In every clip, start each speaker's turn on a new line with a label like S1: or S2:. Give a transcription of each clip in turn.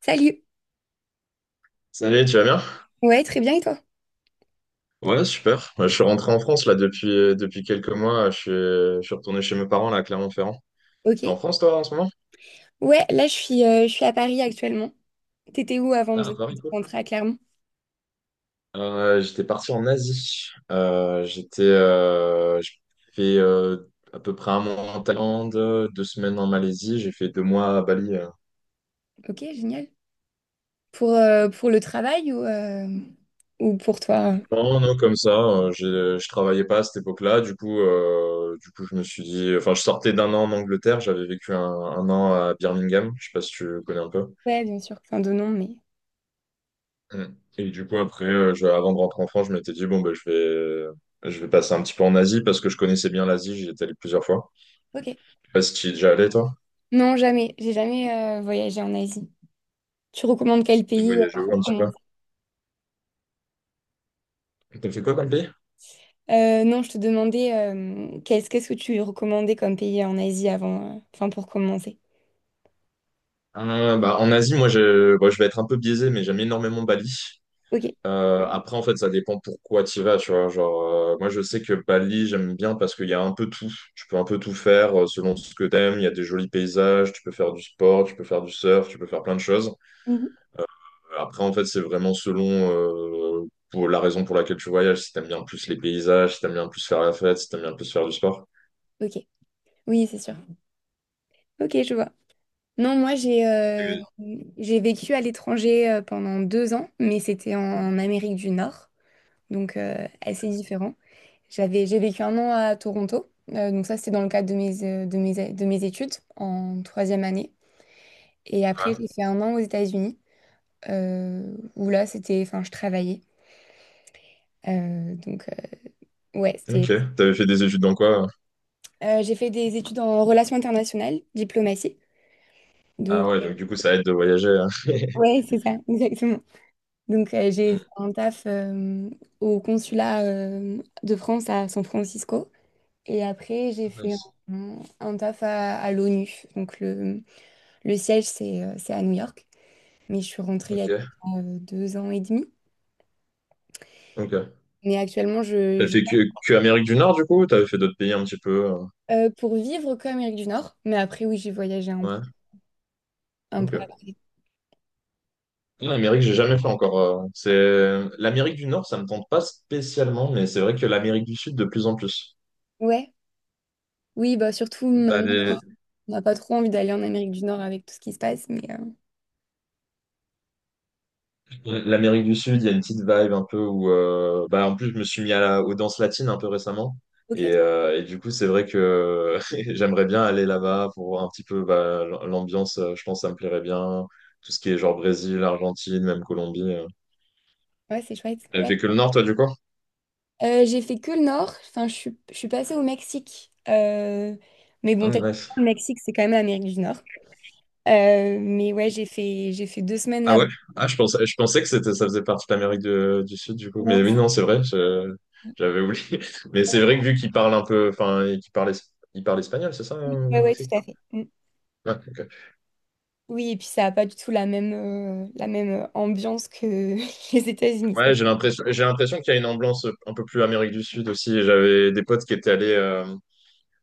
S1: Salut.
S2: Salut, tu vas bien?
S1: Ouais, très bien et toi?
S2: Ouais, super. Bah, je suis rentré en France là depuis quelques mois. Je suis retourné chez mes parents là à Clermont-Ferrand. T'es en
S1: Ok.
S2: France toi en ce moment?
S1: Ouais, là je suis à Paris actuellement. T'étais où avant de,
S2: Ah, à
S1: de
S2: Paris, cool.
S1: rentrer à Clermont?
S2: J'étais parti en Asie. J'ai fait à peu près un mois en Thaïlande, 2 semaines en Malaisie. J'ai fait deux mois à Bali.
S1: Ok, génial. Pour le travail ou, ou pour toi?
S2: Non, non, comme ça. Je travaillais pas à cette époque-là. Du coup, je me suis dit. Enfin, je sortais d'un an en Angleterre. J'avais vécu un an à Birmingham. Je sais pas si tu connais un peu.
S1: Ouais, bien sûr. Enfin, de non, mais.
S2: Mm. Et du coup, après, avant de rentrer en France, je m'étais dit, bon, ben, je vais passer un petit peu en Asie parce que je connaissais bien l'Asie, j'y étais allé plusieurs fois.
S1: Ok.
S2: Je sais pas si tu y es déjà allé, toi?
S1: Non, jamais. J'ai jamais voyagé en Asie. Tu recommandes quel
S2: T'as
S1: pays
S2: voyagé où un
S1: pour
S2: petit peu?
S1: commencer?
S2: T'as fait quoi comme pays?
S1: Non, je te demandais qu'est-ce que tu recommandais comme pays en Asie avant, enfin pour commencer.
S2: Bah, en Asie, moi, bon, je vais être un peu biaisé, mais j'aime énormément Bali.
S1: Ok.
S2: Après, en fait, ça dépend pourquoi tu vas, tu vois. Genre, moi, je sais que Bali, j'aime bien parce qu'il y a un peu tout. Tu peux un peu tout faire selon ce que t'aimes. Il y a des jolis paysages, tu peux faire du sport, tu peux faire du surf, tu peux faire plein de choses.
S1: Mhm.
S2: Après, en fait, c'est vraiment selon pour la raison pour laquelle tu voyages. Si t'aimes bien plus les paysages, si t'aimes bien plus faire la fête, si t'aimes bien plus faire du sport.
S1: Ok. Oui, c'est sûr. Ok, je vois. Non, moi j'ai euh,
S2: Et-
S1: j'ai vécu à l'étranger pendant 2 ans, mais c'était en Amérique du Nord, donc assez différent. J'ai vécu un an à Toronto, donc ça c'était dans le cadre de mes études en troisième année. Et après
S2: Ouais.
S1: j'ai fait un an aux États-Unis, où là c'était, enfin je travaillais. Donc ouais c'était.
S2: Ok. T'avais fait des études dans quoi?
S1: J'ai fait des études en relations internationales, diplomatie,
S2: Ah
S1: donc
S2: ouais, donc du coup, ça aide de voyager, hein.
S1: ouais c'est ça exactement. Donc,
S2: Mm.
S1: j'ai fait un taf au consulat de France à San Francisco. Et après, j'ai fait
S2: Nice.
S1: un taf à l'ONU. Donc, le siège, c'est à New York. Mais je suis rentrée il y a
S2: Ok.
S1: 2 ans et demi.
S2: Ok.
S1: Mais actuellement,
S2: T'as fait que Amérique du Nord, du coup? Ou t'avais fait d'autres pays un petit peu?
S1: pour vivre comme Amérique du Nord. Mais après, oui, j'ai voyagé un peu,
S2: Ouais.
S1: un peu
S2: Ok.
S1: après.
S2: Non, l'Amérique, j'ai jamais fait encore. C'est l'Amérique du Nord, ça me tente pas spécialement, mais c'est vrai que l'Amérique du Sud de plus en plus.
S1: Ouais. Oui, bah surtout
S2: Bah,
S1: maintenant, on n'a pas trop envie d'aller en Amérique du Nord avec tout ce qui se passe. Mais
S2: l'Amérique du Sud, il y a une petite vibe un peu où, bah, en plus, je me suis mis à aux danses latines un peu récemment. Et,
S1: ok,
S2: euh, et du coup, c'est vrai que j'aimerais bien aller là-bas pour voir un petit peu bah, l'ambiance. Je pense que ça me plairait bien. Tout ce qui est genre Brésil, Argentine, même Colombie.
S1: ouais, c'est chouette.
S2: T'as fait que le Nord, toi, du coup?
S1: J'ai fait que le nord. Enfin, je suis passée au Mexique. Mais
S2: Ah,
S1: bon,
S2: nice.
S1: techniquement, le Mexique, c'est quand même l'Amérique du Nord. Mais ouais, j'ai fait 2 semaines
S2: Ah
S1: là-bas.
S2: ouais? Ah, je pensais que c'était, ça faisait partie de l'Amérique du Sud, du coup. Mais
S1: Ouais,
S2: oui, non, c'est vrai. J'avais oublié. Mais c'est vrai que vu qu'ils parlent un peu, enfin, ils parlent espagnol, c'est ça,
S1: ouais,
S2: au
S1: ouais,
S2: Mexique?
S1: tout à fait. Mm.
S2: Ouais, ok.
S1: Oui, et puis ça n'a pas du tout la même ambiance que les États-Unis. Ça.
S2: Ouais, j'ai l'impression qu'il y a une ambiance un peu plus Amérique du Sud aussi. J'avais des potes qui étaient allés,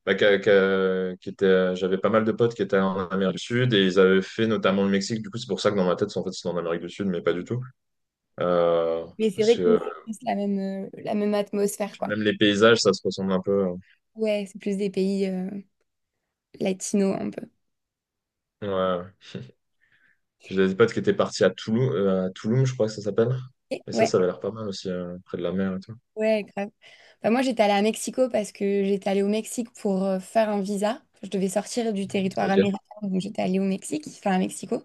S2: bah, j'avais pas mal de potes qui étaient en Amérique du Sud et ils avaient fait notamment le Mexique. Du coup, c'est pour ça que dans ma tête, en fait, c'est en Amérique du Sud, mais pas du tout. Euh,
S1: Mais c'est
S2: Parce
S1: vrai que oui,
S2: que
S1: c'est la même atmosphère, quoi.
S2: même les paysages, ça se ressemble un peu.
S1: Ouais, c'est plus des pays latinos un peu.
S2: Ouais. J'ai des potes qui étaient partis à à Tulum, je crois que ça s'appelle. Et ça,
S1: Ouais,
S2: ça avait l'air pas mal aussi, près de la mer et tout.
S1: ouais, grave. Bah, moi, j'étais allée à Mexico parce que j'étais allée au Mexique pour faire un visa. Enfin, je devais sortir du territoire
S2: Ok.
S1: américain, donc j'étais allée au Mexique, enfin à Mexico.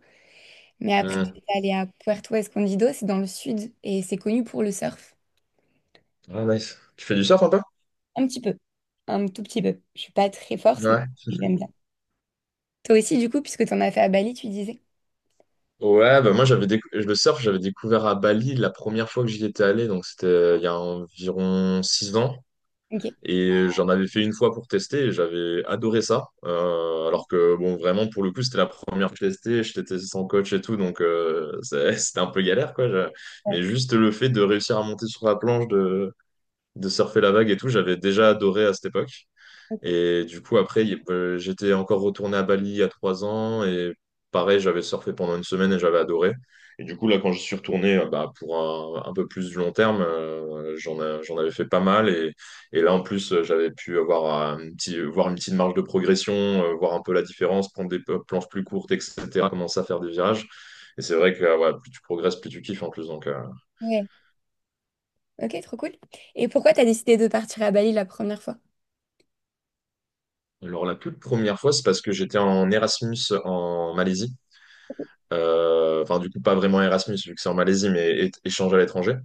S1: Mais après,
S2: Mm.
S1: j'étais allée à Puerto Escondido, c'est dans le sud, et c'est connu pour le surf.
S2: Ah, nice. Tu fais du surf un peu?
S1: Un petit peu, un tout petit peu. Je suis pas très forte, mais
S2: Ouais.
S1: j'aime bien. Toi aussi, du coup, puisque tu en as fait à Bali, tu disais.
S2: Ouais, bah moi le surf, j'avais découvert à Bali la première fois que j'y étais allé, donc c'était il y a environ 6 ans.
S1: Ok.
S2: Et j'en avais fait une fois pour tester et j'avais adoré ça. Alors que, bon, vraiment, pour le coup, c'était la première que je testais. Je testais sans coach et tout, donc c'était un peu galère, quoi. Mais juste le fait de réussir à monter sur la planche, de surfer la vague et tout, j'avais déjà adoré à cette époque. Et du coup, après, j'étais encore retourné à Bali il y a 3 ans et pareil, j'avais surfé pendant une semaine et j'avais adoré. Et du coup, là, quand je suis retourné bah, pour un peu plus du long terme, j'en avais fait pas mal. Et là, en plus, j'avais pu avoir voir une petite marge de progression, voir un peu la différence, prendre des planches plus courtes, etc., commencer à faire des virages. Et c'est vrai que ouais, plus tu progresses, plus tu kiffes en plus. Donc.
S1: Ouais. Ok, trop cool. Et pourquoi tu as décidé de partir à Bali la première fois?
S2: Alors, la toute première fois, c'est parce que j'étais en Erasmus en Malaisie. Enfin, du coup, pas vraiment Erasmus, vu que c'est en Malaisie, mais échange à l'étranger.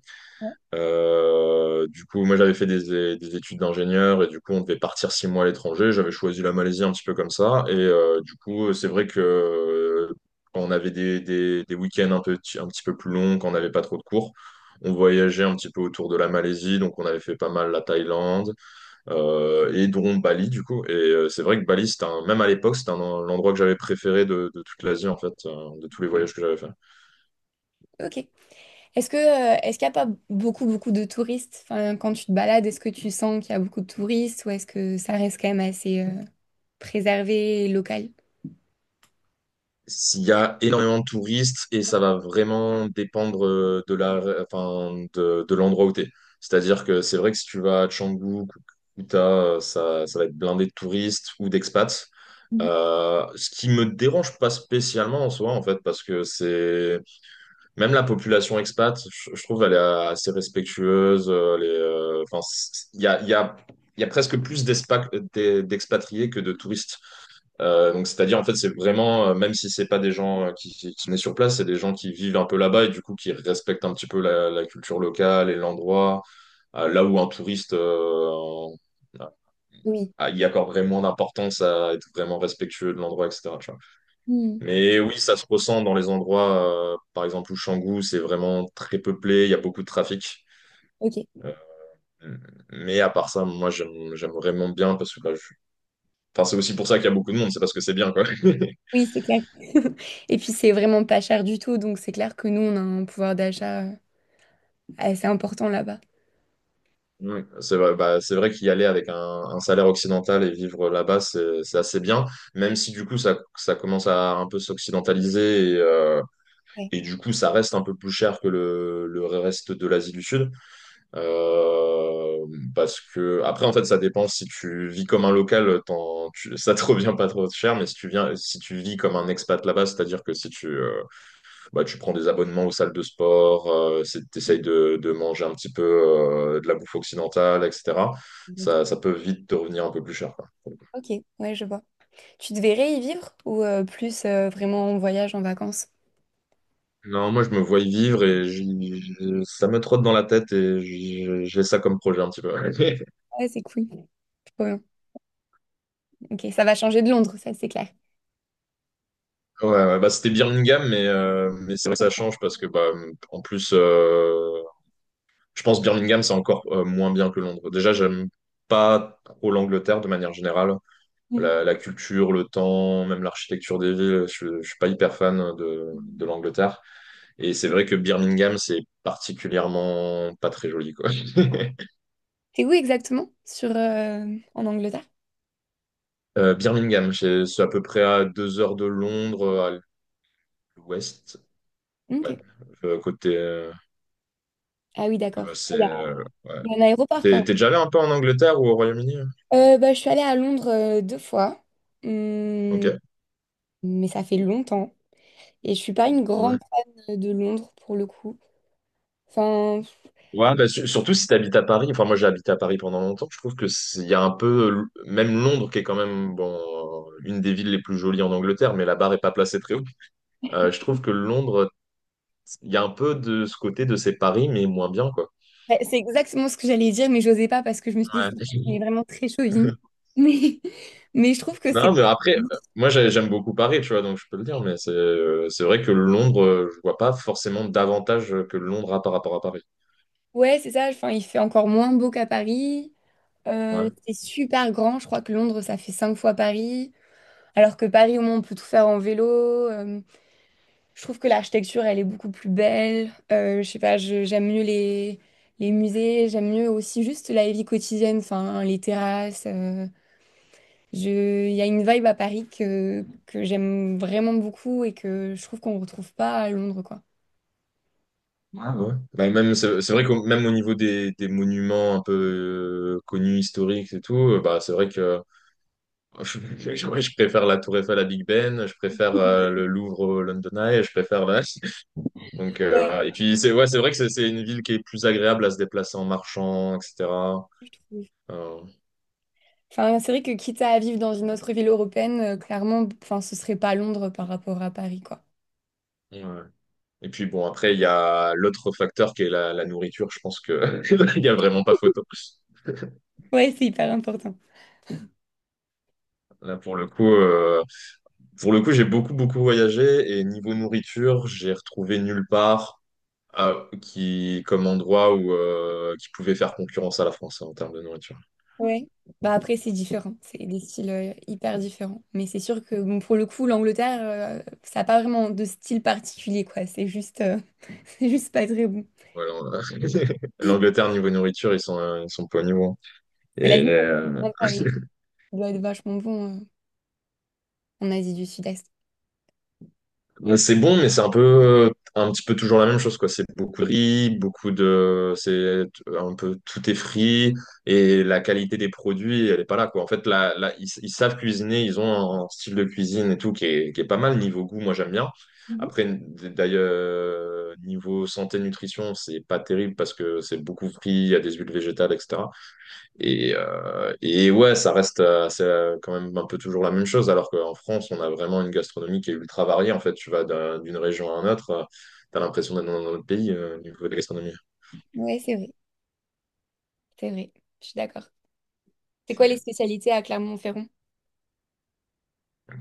S2: Du coup, moi, j'avais fait des études d'ingénieur et du coup, on devait partir 6 mois à l'étranger. J'avais choisi la Malaisie un petit peu comme ça. Du coup, c'est vrai que quand on avait des week-ends un peu, un petit peu plus longs, quand on n'avait pas trop de cours, on voyageait un petit peu autour de la Malaisie. Donc, on avait fait pas mal la Thaïlande et dont Bali, du coup. C'est vrai que Bali, c'était même à l'époque, c'était l'endroit que j'avais préféré de toute l'Asie, en fait, de tous les voyages que j'avais fait.
S1: Ok. Est-ce que, est-ce qu'il n'y a pas beaucoup, beaucoup de touristes? Enfin, quand tu te balades, est-ce que tu sens qu'il y a beaucoup de touristes ou est-ce que ça reste quand même assez préservé et local?
S2: S'il y a énormément de touristes et ça va vraiment dépendre de la, enfin, de l'endroit où tu es. C'est-à-dire que c'est vrai que si tu vas à Canggu, ou Kuta, ça, ça va être blindé de touristes ou d'expats. Ce qui me dérange pas spécialement en soi, en fait, parce que c'est même la population expat, je trouve, elle est assez respectueuse. Enfin, il y a, il y a, il y a presque plus d'expatriés que de touristes. Donc, c'est-à-dire, en fait, c'est vraiment, même si c'est pas des gens qui naissent sur place, c'est des gens qui vivent un peu là-bas et du coup qui respectent un petit peu la culture locale et l'endroit. Là où un touriste,
S1: Oui.
S2: ah, il y accorderait moins d'importance à être vraiment respectueux de l'endroit, etc. tu vois.
S1: Hmm,
S2: Mais oui, ça se ressent dans les endroits, par exemple, où Canggu, c'est vraiment très peuplé, il y a beaucoup de trafic.
S1: ok.
S2: Mais à part ça, moi, j'aime vraiment bien parce que bah, enfin, c'est aussi pour ça qu'il y a beaucoup de monde, c'est parce que c'est bien, quoi.
S1: Oui, c'est clair. Et puis, c'est vraiment pas cher du tout, donc c'est clair que nous, on a un pouvoir d'achat assez important là-bas.
S2: Oui, c'est vrai, bah, c'est vrai qu'y aller avec un salaire occidental et vivre là-bas, c'est assez bien, même si du coup ça, ça commence à un peu s'occidentaliser et, euh,
S1: Ouais.
S2: et du coup ça reste un peu plus cher que le reste de l'Asie du Sud. Euh, Parce que après, en fait, ça dépend si tu vis comme un local, ça te revient pas trop cher, mais si tu vis comme un expat là-bas, c'est-à-dire que si tu, bah, tu prends des abonnements aux salles de sport, tu essayes de manger un petit peu de la bouffe occidentale, etc. Ça peut vite te revenir un peu plus cher, quoi.
S1: Ok, ouais, je vois. Tu te verrais y vivre ou plus vraiment en voyage, en vacances?
S2: Non, moi, je me vois y vivre et ça me trotte dans la tête et j'ai ça comme projet un petit peu. Ouais,
S1: Ouais, c'est cool. Trop bien. Ok, ça va changer de Londres, ça, c'est clair.
S2: ouais, ouais, bah, c'était Birmingham, mais c'est vrai que ça change parce que, bah, en plus, je pense Birmingham, c'est encore moins bien que Londres. Déjà, j'aime pas trop l'Angleterre de manière générale. la, la culture, le temps, même l'architecture des villes. Je ne suis pas hyper fan de
S1: Mhm.
S2: l'Angleterre. Et c'est vrai que Birmingham, c'est particulièrement pas très joli, quoi.
S1: T'es où exactement sur, en Angleterre?
S2: Birmingham, c'est à peu près à 2 heures de Londres, à l'ouest. Ouais.
S1: Ok.
S2: Côté.
S1: Ah oui, d'accord.
S2: C'est.
S1: Il y a
S2: Ouais.
S1: il y a un aéroport quand
S2: T'es déjà allé un peu en Angleterre ou au Royaume-Uni, hein?
S1: même. Bah, je suis allée à Londres 2 fois,
S2: Ok.
S1: Hum, mais ça fait longtemps. Et je suis pas une grande
S2: Ouais,
S1: fan de Londres pour le coup. Enfin,
S2: ouais, bah, surtout si tu habites à Paris. Enfin, moi, j'ai habité à Paris pendant longtemps. Je trouve que il y a un peu, même Londres, qui est quand même bon, une des villes les plus jolies en Angleterre, mais la barre est pas placée très haut. Je trouve que Londres, il y a un peu de ce côté de c'est Paris, mais moins bien, quoi.
S1: ouais, c'est exactement ce que j'allais dire, mais j'osais pas parce que je me suis dit,
S2: Ouais.
S1: c'est on est vraiment très chauvin. Mais, mais je trouve que c'est...
S2: Non, mais après, moi, j'aime beaucoup Paris, tu vois, donc je peux le dire, mais c'est vrai que Londres, je vois pas forcément davantage que Londres a par rapport à Paris.
S1: Ouais, c'est ça. Enfin, il fait encore moins beau qu'à Paris.
S2: Ouais.
S1: C'est super grand. Je crois que Londres, ça fait 5 fois Paris. Alors que Paris, au moins, on peut tout faire en vélo. Euh, Je trouve que l'architecture, elle est beaucoup plus belle. Je sais pas, j'aime mieux les musées, j'aime mieux aussi juste la vie quotidienne, enfin, les terrasses. Il y a une vibe à Paris que j'aime vraiment beaucoup et que je trouve qu'on ne retrouve pas à Londres, quoi.
S2: Ah ouais. Bah, même, c'est vrai que même au niveau des monuments un peu connus, historiques et tout, bah, c'est vrai que je, ouais, je préfère la Tour Eiffel à Big Ben, je préfère le Louvre au London Eye, je préfère Donc, voilà. Et puis, c'est ouais, c'est vrai que c'est une ville qui est plus agréable à se déplacer en marchant, etc.
S1: Oui.
S2: Euh,
S1: Enfin, c'est vrai que quitte à vivre dans une autre ville européenne, clairement, enfin, ce serait pas Londres par rapport à Paris, quoi.
S2: ouais. Et puis, bon, après, il y a l'autre facteur qui est la nourriture. Je pense que il n'y a vraiment pas photo.
S1: Ouais, c'est hyper important.
S2: Là, pour le coup. Pour le coup, j'ai beaucoup, beaucoup voyagé et niveau nourriture, j'ai retrouvé nulle part comme endroit où, qui pouvait faire concurrence à la France, hein, en termes de nourriture.
S1: Ouais. Bah après, c'est différent. C'est des styles hyper différents. Mais c'est sûr que bon, pour le coup, l'Angleterre, ça n'a pas vraiment de style particulier, quoi. C'est juste, c'est juste pas très bon.
S2: Voilà, L'Angleterre, niveau nourriture, ils sont pas au niveau, hein.
S1: Mais la
S2: Et,
S1: vie, c'est
S2: euh,
S1: sympa, oui. Ça doit être vachement bon en Asie du Sud-Est.
S2: Ouais, c'est bon, mais c'est un peu, un petit peu toujours la même chose, quoi. C'est beaucoup de riz, c'est un peu tout est frit et la qualité des produits, elle est pas là, quoi. En fait, là, ils savent cuisiner, ils ont un style de cuisine et tout qui est, pas mal niveau goût. Moi, j'aime bien.
S1: Mhm.
S2: Après, d'ailleurs, niveau santé nutrition, c'est pas terrible parce que c'est beaucoup frit, il y a des huiles végétales, etc. Et ouais, ça reste c'est quand même un peu toujours la même chose, alors qu'en France, on a vraiment une gastronomie qui est ultra variée. En fait, tu vas d'une région à une autre, tu as l'impression d'être dans un autre pays au niveau de la gastronomie.
S1: Ouais, c'est vrai, c'est vrai. Je suis d'accord. C'est quoi les spécialités à Clermont-Ferrand?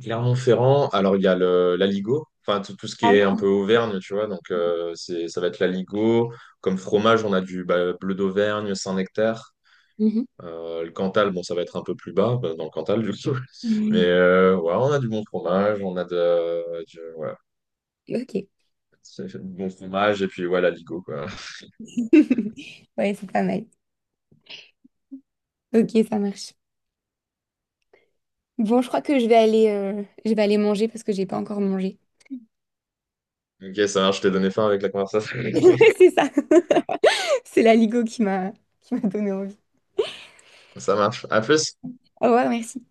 S2: Clermont-Ferrand, alors il y a l'aligot, enfin tout, tout ce qui
S1: Ah
S2: est un
S1: oui.
S2: peu Auvergne, tu vois, ça va être l'aligot. Comme fromage, on a du bah, bleu d'Auvergne, Saint-Nectaire.
S1: Mhm.
S2: Le Cantal, bon, ça va être un peu plus bas, bah, dans le Cantal, du coup.
S1: Mhm.
S2: Ouais, on a du bon fromage,
S1: Ok.
S2: c'est bon fromage et puis ouais, la Ligo, quoi.
S1: Ouais, c'est pas mal. Ok, ça marche. Bon, je crois que je vais aller manger parce que j'ai pas encore mangé.
S2: Ok, ça marche, je t'ai donné faim avec la conversation.
S1: C'est ça. C'est la Ligo qui m'a donné envie.
S2: Ça marche. À plus.
S1: Au revoir, merci.